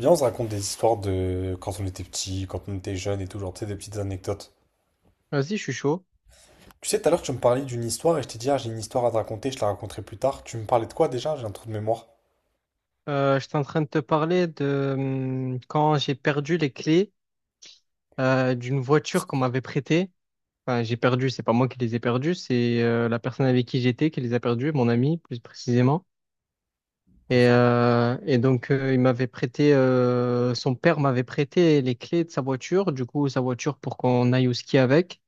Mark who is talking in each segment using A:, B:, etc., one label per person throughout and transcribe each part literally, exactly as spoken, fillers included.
A: Viens, on se raconte des histoires de quand on était petit, quand on était jeune et tout, genre, tu sais, des petites anecdotes.
B: Vas-y, je suis chaud.
A: Tu sais, tout à l'heure, tu me parlais d'une histoire et je t'ai dit, ah, j'ai une histoire à te raconter, je te la raconterai plus tard. Tu me parlais de quoi déjà? J'ai un trou de mémoire.
B: Euh, j'étais en train de te parler de hum, quand j'ai perdu les clés euh, d'une voiture qu'on m'avait prêtée. Enfin, j'ai perdu, c'est pas moi qui les ai perdues, c'est euh, la personne avec qui j'étais qui les a perdues, mon ami plus précisément. Et,
A: Ok.
B: euh, et donc, euh, il m'avait prêté, euh, son père m'avait prêté les clés de sa voiture, du coup, sa voiture pour qu'on aille au ski avec.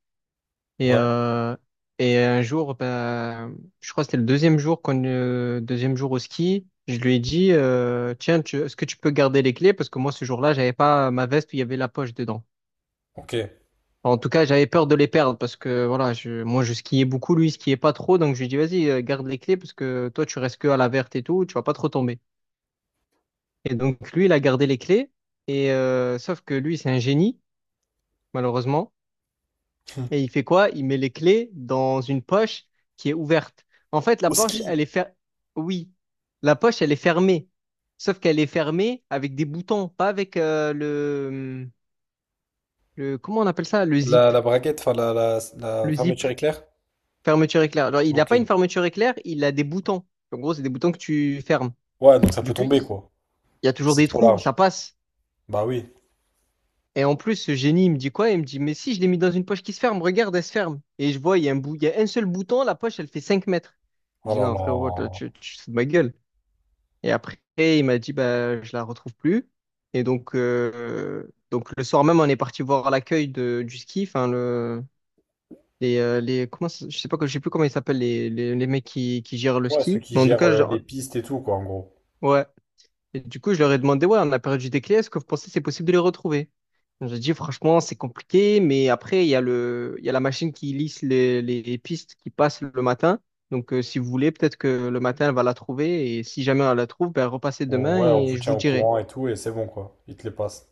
B: Et,
A: Ouais.
B: euh, et un jour, ben, je crois que c'était le deuxième jour qu'on, euh, deuxième jour au ski, je lui ai dit, euh, tiens, tu- est-ce que tu peux garder les clés? Parce que moi, ce jour-là, j'avais pas ma veste où il y avait la poche dedans.
A: Ok.
B: Enfin, en tout cas, j'avais peur de les perdre parce que voilà, je, moi, je skiais beaucoup, lui, il skiait pas trop. Donc, je lui ai dit, vas-y, euh, garde les clés parce que toi, tu restes que à la verte et tout, tu vas pas trop tomber. Et donc, lui, il a gardé les clés. Et euh, sauf que lui, c'est un génie, malheureusement.
A: Hmm.
B: Et il fait quoi? Il met les clés dans une poche qui est ouverte. En fait, la
A: Au
B: poche, elle
A: ski,
B: est fer. Oui, la poche, elle est fermée. Sauf qu'elle est fermée avec des boutons, pas avec euh, le, le... Comment on appelle ça? Le
A: la,
B: zip.
A: la braguette, enfin, la, la, la
B: Le zip,
A: fermeture éclair?
B: fermeture éclair. Genre, il n'a
A: Ok.
B: pas une fermeture éclair, il a des boutons. En gros, c'est des boutons que tu fermes.
A: Ouais, donc ça peut
B: Du coup,
A: tomber,
B: il
A: quoi.
B: il y a toujours
A: Si c'est
B: des
A: trop
B: trous,
A: large.
B: ça passe.
A: Bah oui.
B: Et en plus, ce génie, il me dit quoi? Il me dit, mais si je l'ai mis dans une poche qui se ferme, regarde, elle se ferme. Et je vois, il y a un bout, il y a un seul bouton, la poche, elle fait cinq mètres. Je
A: Oh
B: dis,
A: là
B: non,
A: là.
B: frérot, toi, tu, tu te fous de ma gueule. Et après, il m'a dit, bah, je la retrouve plus. Et donc, euh, donc le soir même, on est parti voir l'accueil de, du ski, enfin, le, les, euh, les, comment, ça- je sais pas, je sais plus comment ils s'appellent, les, les, les mecs qui, qui gèrent le
A: Ouais, ceux
B: ski.
A: qui
B: Mais en tout
A: gèrent
B: cas,
A: euh, les
B: genre,
A: pistes et tout, quoi, en gros.
B: ouais. Et du coup, je leur ai demandé, ouais, on a perdu des clés, est-ce que vous pensez que c'est possible de les retrouver? J'ai dit, franchement, c'est compliqué, mais après, il y a le, il y a la machine qui lisse les, les pistes qui passent le matin. Donc, euh, si vous voulez, peut-être que le matin, elle va la trouver. Et si jamais elle la trouve, ben, repassez
A: On-
B: demain
A: ouais, on
B: et
A: vous
B: je
A: tient
B: vous
A: au
B: dirai.
A: courant et tout, et c'est bon, quoi. Ils te les passent.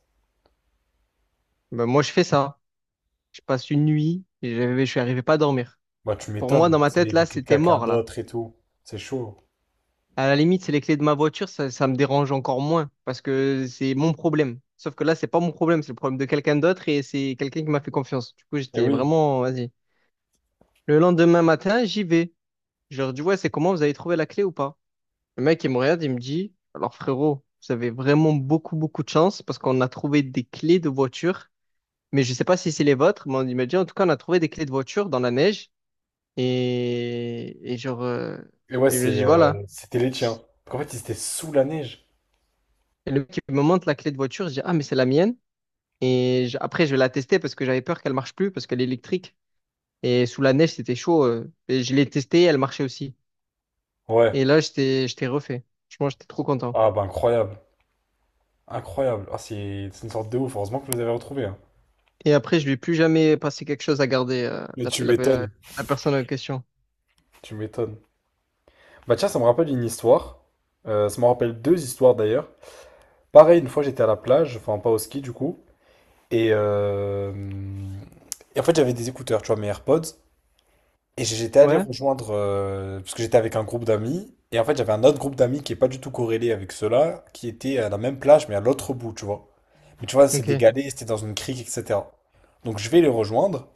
B: Ben, moi, je fais ça. Je passe une nuit et je je suis arrivé pas à dormir.
A: Bah, tu
B: Pour moi,
A: m'étonnes,
B: dans ma
A: c'est
B: tête,
A: les,
B: là,
A: les clés de
B: c'était
A: quelqu'un
B: mort, là.
A: d'autre et tout. C'est chaud.
B: À la limite, c'est les clés de ma voiture, ça, ça me dérange encore moins parce que c'est mon problème. Sauf que là, c'est pas mon problème, c'est le problème de quelqu'un d'autre et c'est quelqu'un qui m'a fait confiance. Du coup,
A: Et
B: j'étais
A: oui.
B: vraiment, vas-y. Le lendemain matin, j'y vais. Je leur dis, ouais, c'est comment, vous avez trouvé la clé ou pas? Le mec, il me regarde, il me dit, alors frérot, vous avez vraiment beaucoup, beaucoup de chance parce qu'on a trouvé des clés de voiture, mais je sais pas si c'est les vôtres, mais on- il m'a dit, en tout cas, on a trouvé des clés de voiture dans la neige et, et genre, euh,
A: Et ouais,
B: et je lui
A: c'est,
B: dis,
A: euh,
B: voilà.
A: c'était les tiens. En fait, ils étaient sous la neige.
B: Et le mec il me montre la clé de voiture, je dis, ah, mais c'est la mienne. Et je- après, je vais la tester parce que j'avais peur qu'elle marche plus parce qu'elle est électrique. Et sous la neige, c'était chaud. Euh, et je l'ai testée, elle marchait aussi.
A: Ouais.
B: Et là, j'étais, j'étais refait. Franchement, j'étais trop content.
A: Ah, bah, incroyable. Incroyable. Ah, c'est c'est une sorte de ouf. Heureusement que vous les avez retrouvés, hein.
B: Et après, je lui ai plus jamais passé quelque chose à garder, euh,
A: Mais
B: la,
A: tu
B: la,
A: m'étonnes.
B: la personne en question.
A: Tu m'étonnes. Bah, tiens, ça me rappelle une histoire. Euh, ça me rappelle deux histoires d'ailleurs. Pareil, une fois, j'étais à la plage, enfin, pas au ski du coup. Et, euh, et en fait, j'avais des écouteurs, tu vois, mes AirPods. Et j'étais allé
B: Ouais.
A: rejoindre, euh, parce que j'étais avec un groupe d'amis, et en fait j'avais un autre groupe d'amis qui est pas du tout corrélé avec ceux-là, qui était à la même plage mais à l'autre bout, tu vois. Mais tu vois, c'est
B: Ok.
A: dégalé, c'était dans une crique, et cetera. Donc je vais les rejoindre,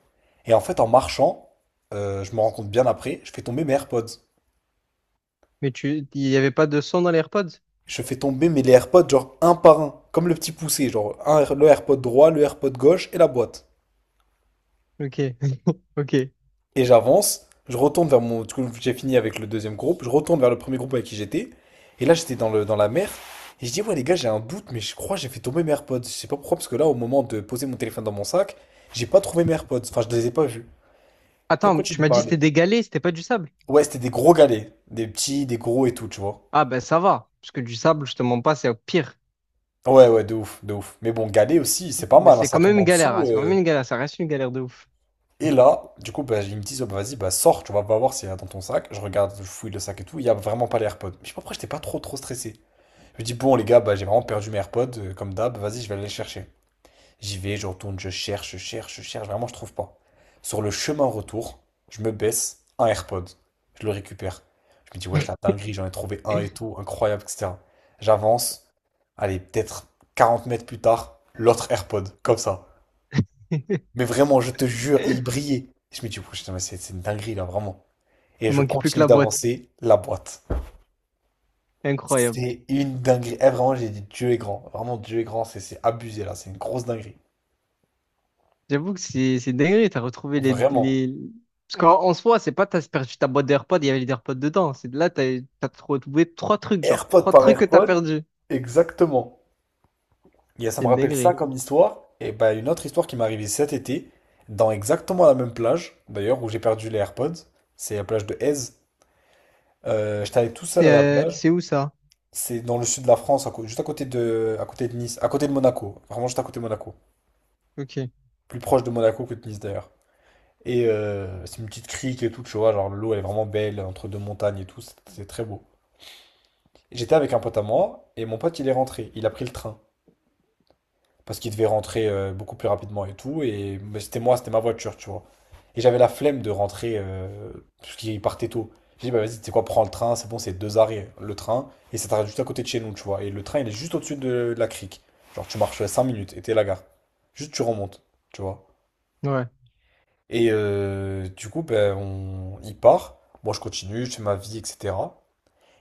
A: et en fait en marchant, euh, je me rends compte bien après, je fais tomber mes AirPods.
B: Mais tu, il n'y avait pas de son dans les AirPods?
A: Je fais tomber mes les AirPods genre un par un, comme le petit poussé, genre un, le AirPod droit, le AirPod gauche et la boîte.
B: Ok. Ok.
A: Et j'avance, je retourne vers mon. Du coup, j'ai fini avec le deuxième groupe, je retourne vers le premier groupe avec qui j'étais. Et là, j'étais dans le, dans la mer. Et je dis, ouais, les gars, j'ai un doute, mais je crois que j'ai fait tomber mes AirPods. Je sais pas pourquoi, parce que là, au moment de poser mon téléphone dans mon sac, j'ai pas trouvé mes AirPods. Enfin, je les ai pas vus. Et on
B: Attends,
A: tu
B: tu
A: de
B: m'as dit c'était
A: parler.
B: des galets, c'était pas du sable.
A: Ouais, c'était des gros galets. Des petits, des gros et tout, tu vois.
B: Ah ben ça va, parce que du sable, je te mens pas, c'est au pire.
A: Ouais, ouais, de ouf, de ouf. Mais bon, galet aussi, c'est pas
B: Mais
A: mal, hein,
B: c'est
A: ça
B: quand
A: tombe
B: même
A: en
B: une galère, hein,
A: dessous.
B: c'est quand même
A: euh.
B: une galère, ça reste une galère de ouf.
A: Et
B: Mhm.
A: là, du coup, bah, ils me disent, oh, bah, vas-y, bah, sors, tu vas pas voir s'il y a dans ton sac. Je regarde, je fouille le sac et tout, il y a vraiment pas les AirPods. Je sais pas pourquoi j'étais pas trop, trop stressé. Je me dis, bon, les gars, bah, j'ai vraiment perdu mes AirPods, euh, comme d'hab, vas-y, je vais aller les chercher. J'y vais, je retourne, je cherche, je cherche, je cherche, vraiment, je trouve pas. Sur le chemin retour, je me baisse, un AirPod, je le récupère. Je me dis, wesh, la dinguerie, j'en ai trouvé un et tout, incroyable, et cetera. J'avance, allez, peut-être quarante mètres plus tard, l'autre AirPod, comme ça. Mais vraiment, je te jure, il brillait. Je me dis, wesh, putain, mais c'est c'est une dinguerie, là, vraiment. Et
B: Il
A: je
B: manquait plus que
A: continue
B: la boîte.
A: d'avancer, la boîte.
B: Incroyable.
A: C'est une dinguerie. Eh, vraiment, j'ai dit Dieu est grand. Vraiment, Dieu est grand. C'est c'est abusé là. C'est une grosse dinguerie.
B: J'avoue que c'est c'est dingue, t'as retrouvé les,
A: Vraiment.
B: les... Parce qu'en en soi, c'est pas t'as perdu ta boîte d'AirPods, il y avait les AirPods dedans. C'est de là, t'as t'as retrouvé trois trucs, genre.
A: AirPod
B: Trois
A: par
B: trucs que t'as
A: AirPod.
B: perdu.
A: Exactement. Il y a- ça
B: C'est
A: me
B: une
A: rappelle ça
B: dinguerie.
A: comme histoire. Et bah, une autre histoire qui m'est arrivée cet été, dans exactement la même plage, d'ailleurs, où j'ai perdu les AirPods. C'est la plage de Aise. Euh, j'étais allé tout seul à
B: C'est
A: la
B: euh,
A: plage.
B: c'est où ça?
A: C'est dans le sud de la France, à cô- juste à côté de, à côté de Nice, à côté de Monaco. Vraiment juste à côté de Monaco.
B: Ok,
A: Plus proche de Monaco que de Nice d'ailleurs. Et euh, c'est une petite crique et tout, tu vois, genre l'eau elle est vraiment belle entre deux montagnes et tout, c'est c'est très beau. J'étais avec un pote à moi et mon pote il est rentré, il a pris le train parce qu'il devait rentrer euh, beaucoup plus rapidement et tout. Et mais c'était moi, c'était ma voiture, tu vois. Et j'avais la flemme de rentrer euh, parce qu'il partait tôt. J'ai dit, bah vas-y, tu sais quoi, prends le train, c'est bon, c'est deux arrêts le train et ça t'arrête juste à côté de chez nous, tu vois. Et le train il est juste au-dessus de la crique, genre tu marches cinq minutes et t'es à la gare, juste tu remontes, tu vois.
B: ouais.
A: Et euh, du coup, ben, on... il part. Moi, je continue, je fais ma vie, et cetera.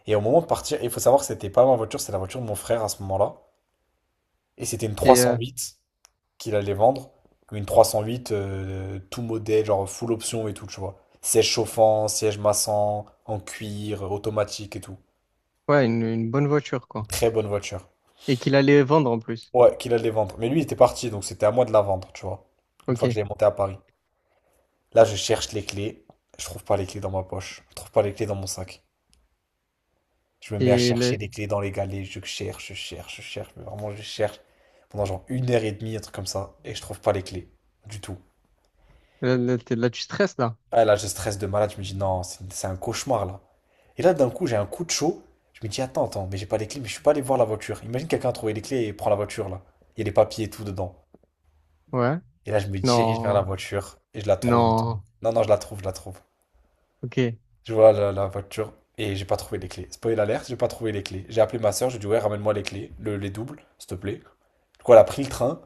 A: Et au moment de partir, il faut savoir que c'était pas ma voiture, c'était la voiture de mon frère à ce moment-là. Et c'était une trois
B: C'est
A: cent
B: euh,
A: huit qu'il allait vendre. Une trois cent huit, euh, tout modèle, genre full option et tout, tu vois. Siège chauffant, siège massant, en cuir, automatique et tout.
B: Ouais, une, une bonne voiture, quoi.
A: Très bonne voiture.
B: Et qu'il allait vendre en plus.
A: Ouais, qu'il allait vendre. Mais lui, il était parti, donc c'était à moi de la vendre, tu vois. Une
B: Ok.
A: fois que j'avais monté à Paris. Là, je cherche les clés. Je trouve pas les clés dans ma poche. Je trouve pas les clés dans mon sac. Je me mets à
B: Et
A: chercher
B: le-
A: les clés dans les galets, je cherche, je cherche, je cherche, mais vraiment je cherche pendant genre une heure et demie, un truc comme ça, et je trouve pas les clés du tout.
B: là, là, t'es- Là, tu stresses, là.
A: Ah là, je stresse de malade, je me dis non, c'est c'est un cauchemar là. Et là, d'un coup, j'ai un coup de chaud, je me dis attends, attends, mais j'ai pas les clés, mais je suis pas allé voir la voiture. Imagine quelqu'un a trouvé les clés et prend la voiture là. Il y a les papiers et tout dedans.
B: Ouais.
A: Et là, je me dirige vers la
B: Non.
A: voiture et je la trouve et tout.
B: Non.
A: Non, non, je la trouve, je la trouve.
B: Ok. C'est
A: Je vois la, la voiture et j'ai pas trouvé les clés. Spoil alerte, j'ai pas trouvé les clés. J'ai appelé ma soeur, j'ai dit ouais, ramène-moi les clés, le- les doubles, s'il te plaît. Du coup, elle a pris le train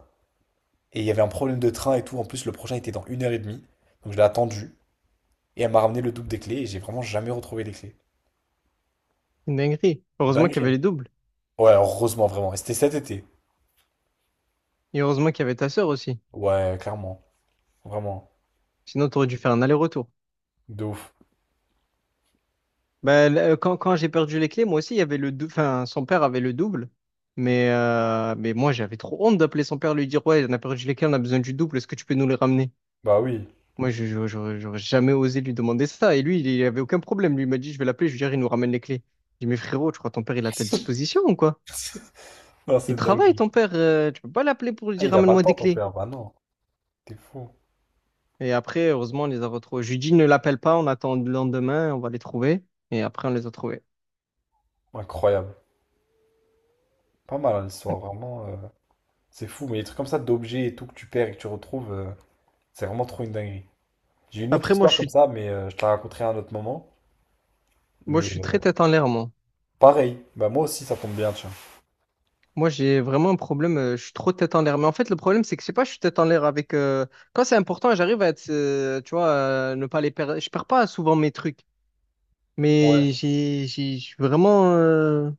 A: et il y avait un problème de train et tout. En plus, le prochain était dans une heure et demie. Donc je l'ai attendu et elle m'a ramené le double des clés et j'ai vraiment jamais retrouvé les clés.
B: une dinguerie. Heureusement qu'il y
A: Dinguerie,
B: avait
A: hein.
B: les doubles.
A: Ouais, heureusement, vraiment. Et c'était cet été.
B: Et heureusement qu'il y avait ta sœur aussi.
A: Ouais, clairement. Vraiment.
B: Sinon, t'aurais dû faire un aller-retour.
A: De ouf.
B: Bah, là, quand quand j'ai perdu les clés, moi aussi, il y avait le dou- enfin, son père avait le double. Mais, euh, mais moi, j'avais trop honte d'appeler son père, lui dire, ouais, on a perdu les clés, on a besoin du double, est-ce que tu peux nous les ramener?
A: Bah oui.
B: Moi, je, je- j'aurais j'aurais jamais osé lui demander ça. Et lui, il il avait aucun problème. Lui, il m'a dit, je vais l'appeler, je lui dirai, il nous ramène les clés. J'ai dit, mais frérot, tu crois ton père, il est à ta disposition ou quoi?
A: Non,
B: Il
A: c'est
B: travaille,
A: dinguerie.
B: ton père. Euh, tu peux pas l'appeler pour lui
A: Ah,
B: dire,
A: il a pas de
B: ramène-moi
A: temps,
B: des
A: ton
B: clés.
A: père. Bah non. T'es fou.
B: Et après, heureusement, on les a retrouvés. Je lui dis, ne l'appelle pas, on attend le lendemain, on va les trouver. Et après, on les a trouvés.
A: Incroyable. Pas mal, hein, l'histoire, vraiment. euh, C'est fou, mais les trucs comme ça d'objets et tout que tu perds et que tu retrouves. euh, C'est vraiment trop une dinguerie. J'ai une autre
B: Après, moi, je
A: histoire comme
B: suis,
A: ça, mais euh, je te la raconterai à un autre moment.
B: moi, je
A: Mais
B: suis
A: euh,
B: très tête en l'air, moi.
A: pareil, bah moi aussi ça tombe bien, tiens.
B: Moi, j'ai vraiment un problème, euh, je suis trop tête en l'air. Mais en fait, le problème, c'est que je sais pas, je suis tête en l'air avec. euh, Quand c'est important, j'arrive à être, euh, tu vois, euh, ne pas les perdre. Je perds pas souvent mes trucs. Mais
A: Ouais,
B: j'ai, j'ai, je suis vraiment, euh,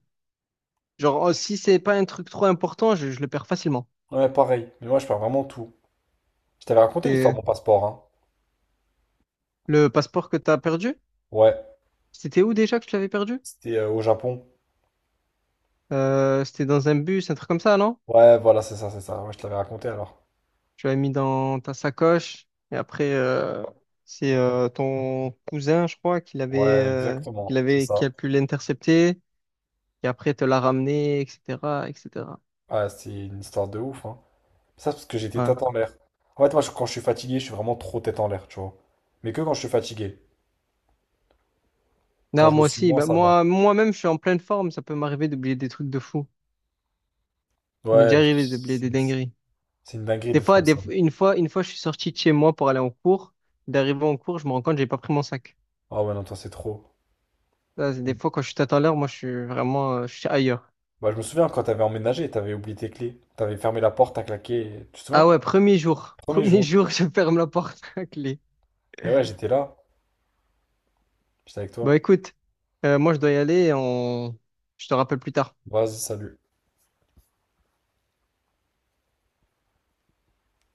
B: genre, oh, si c'est pas un truc trop important, je, je le perds facilement.
A: ouais, pareil. Mais moi je perds vraiment tout. Je t'avais raconté l'histoire de
B: C'est
A: mon passeport, hein.
B: le passeport que t'as perdu?
A: Ouais,
B: C'était où déjà que tu l'avais perdu?
A: c'était euh, au Japon.
B: Euh, c'était dans un bus, un truc comme ça, non?
A: Ouais, voilà, c'est ça, c'est ça. Ouais, je te l'avais raconté alors.
B: Tu l'avais mis dans ta sacoche. Et après, euh, c'est euh, ton cousin, je crois, qui l'avait,
A: Ouais,
B: euh, qui
A: exactement, c'est
B: l'avait, qui
A: ça.
B: a pu l'intercepter. Et après, te l'a ramené, et cetera, et cetera.
A: Ouais, c'est une histoire de ouf, hein. Ça, c'est parce que j'étais
B: Ouais.
A: tête en l'air. En fait, moi, je- quand je suis fatigué, je suis vraiment trop tête en l'air, tu vois. Mais que quand je suis fatigué. Quand
B: Non,
A: je le
B: moi
A: suis
B: aussi.
A: moins,
B: Bah,
A: ça va.
B: moi, moi-même, je suis en pleine forme. Ça peut m'arriver d'oublier des trucs de fou. Il m'est
A: Ouais,
B: déjà
A: pff,
B: arrivé d'oublier
A: c'est
B: des dingueries.
A: c'est une dinguerie
B: Des
A: d'être
B: fois,
A: comme
B: des,
A: ça.
B: f- une fois, une fois, je suis sorti de chez moi pour aller en cours. D'arriver en cours, je me rends compte que j'ai pas pris mon sac.
A: Ah ouais, non, toi, c'est trop.
B: Ça, c'est des fois, quand je suis à l'heure, moi, je suis vraiment, euh, je suis ailleurs.
A: Bah, je me souviens quand t'avais emménagé, t'avais oublié tes clés, t'avais fermé la porte, t'as claqué, tu te
B: Ah
A: souviens?
B: ouais, premier jour.
A: Premier
B: Premier
A: jour.
B: jour, je ferme la porte à clé.
A: Et ouais, j'étais là, j'étais avec
B: Bon,
A: toi.
B: écoute, euh, moi, je dois y aller. et On... Je te rappelle plus tard.
A: Vas-y, salut.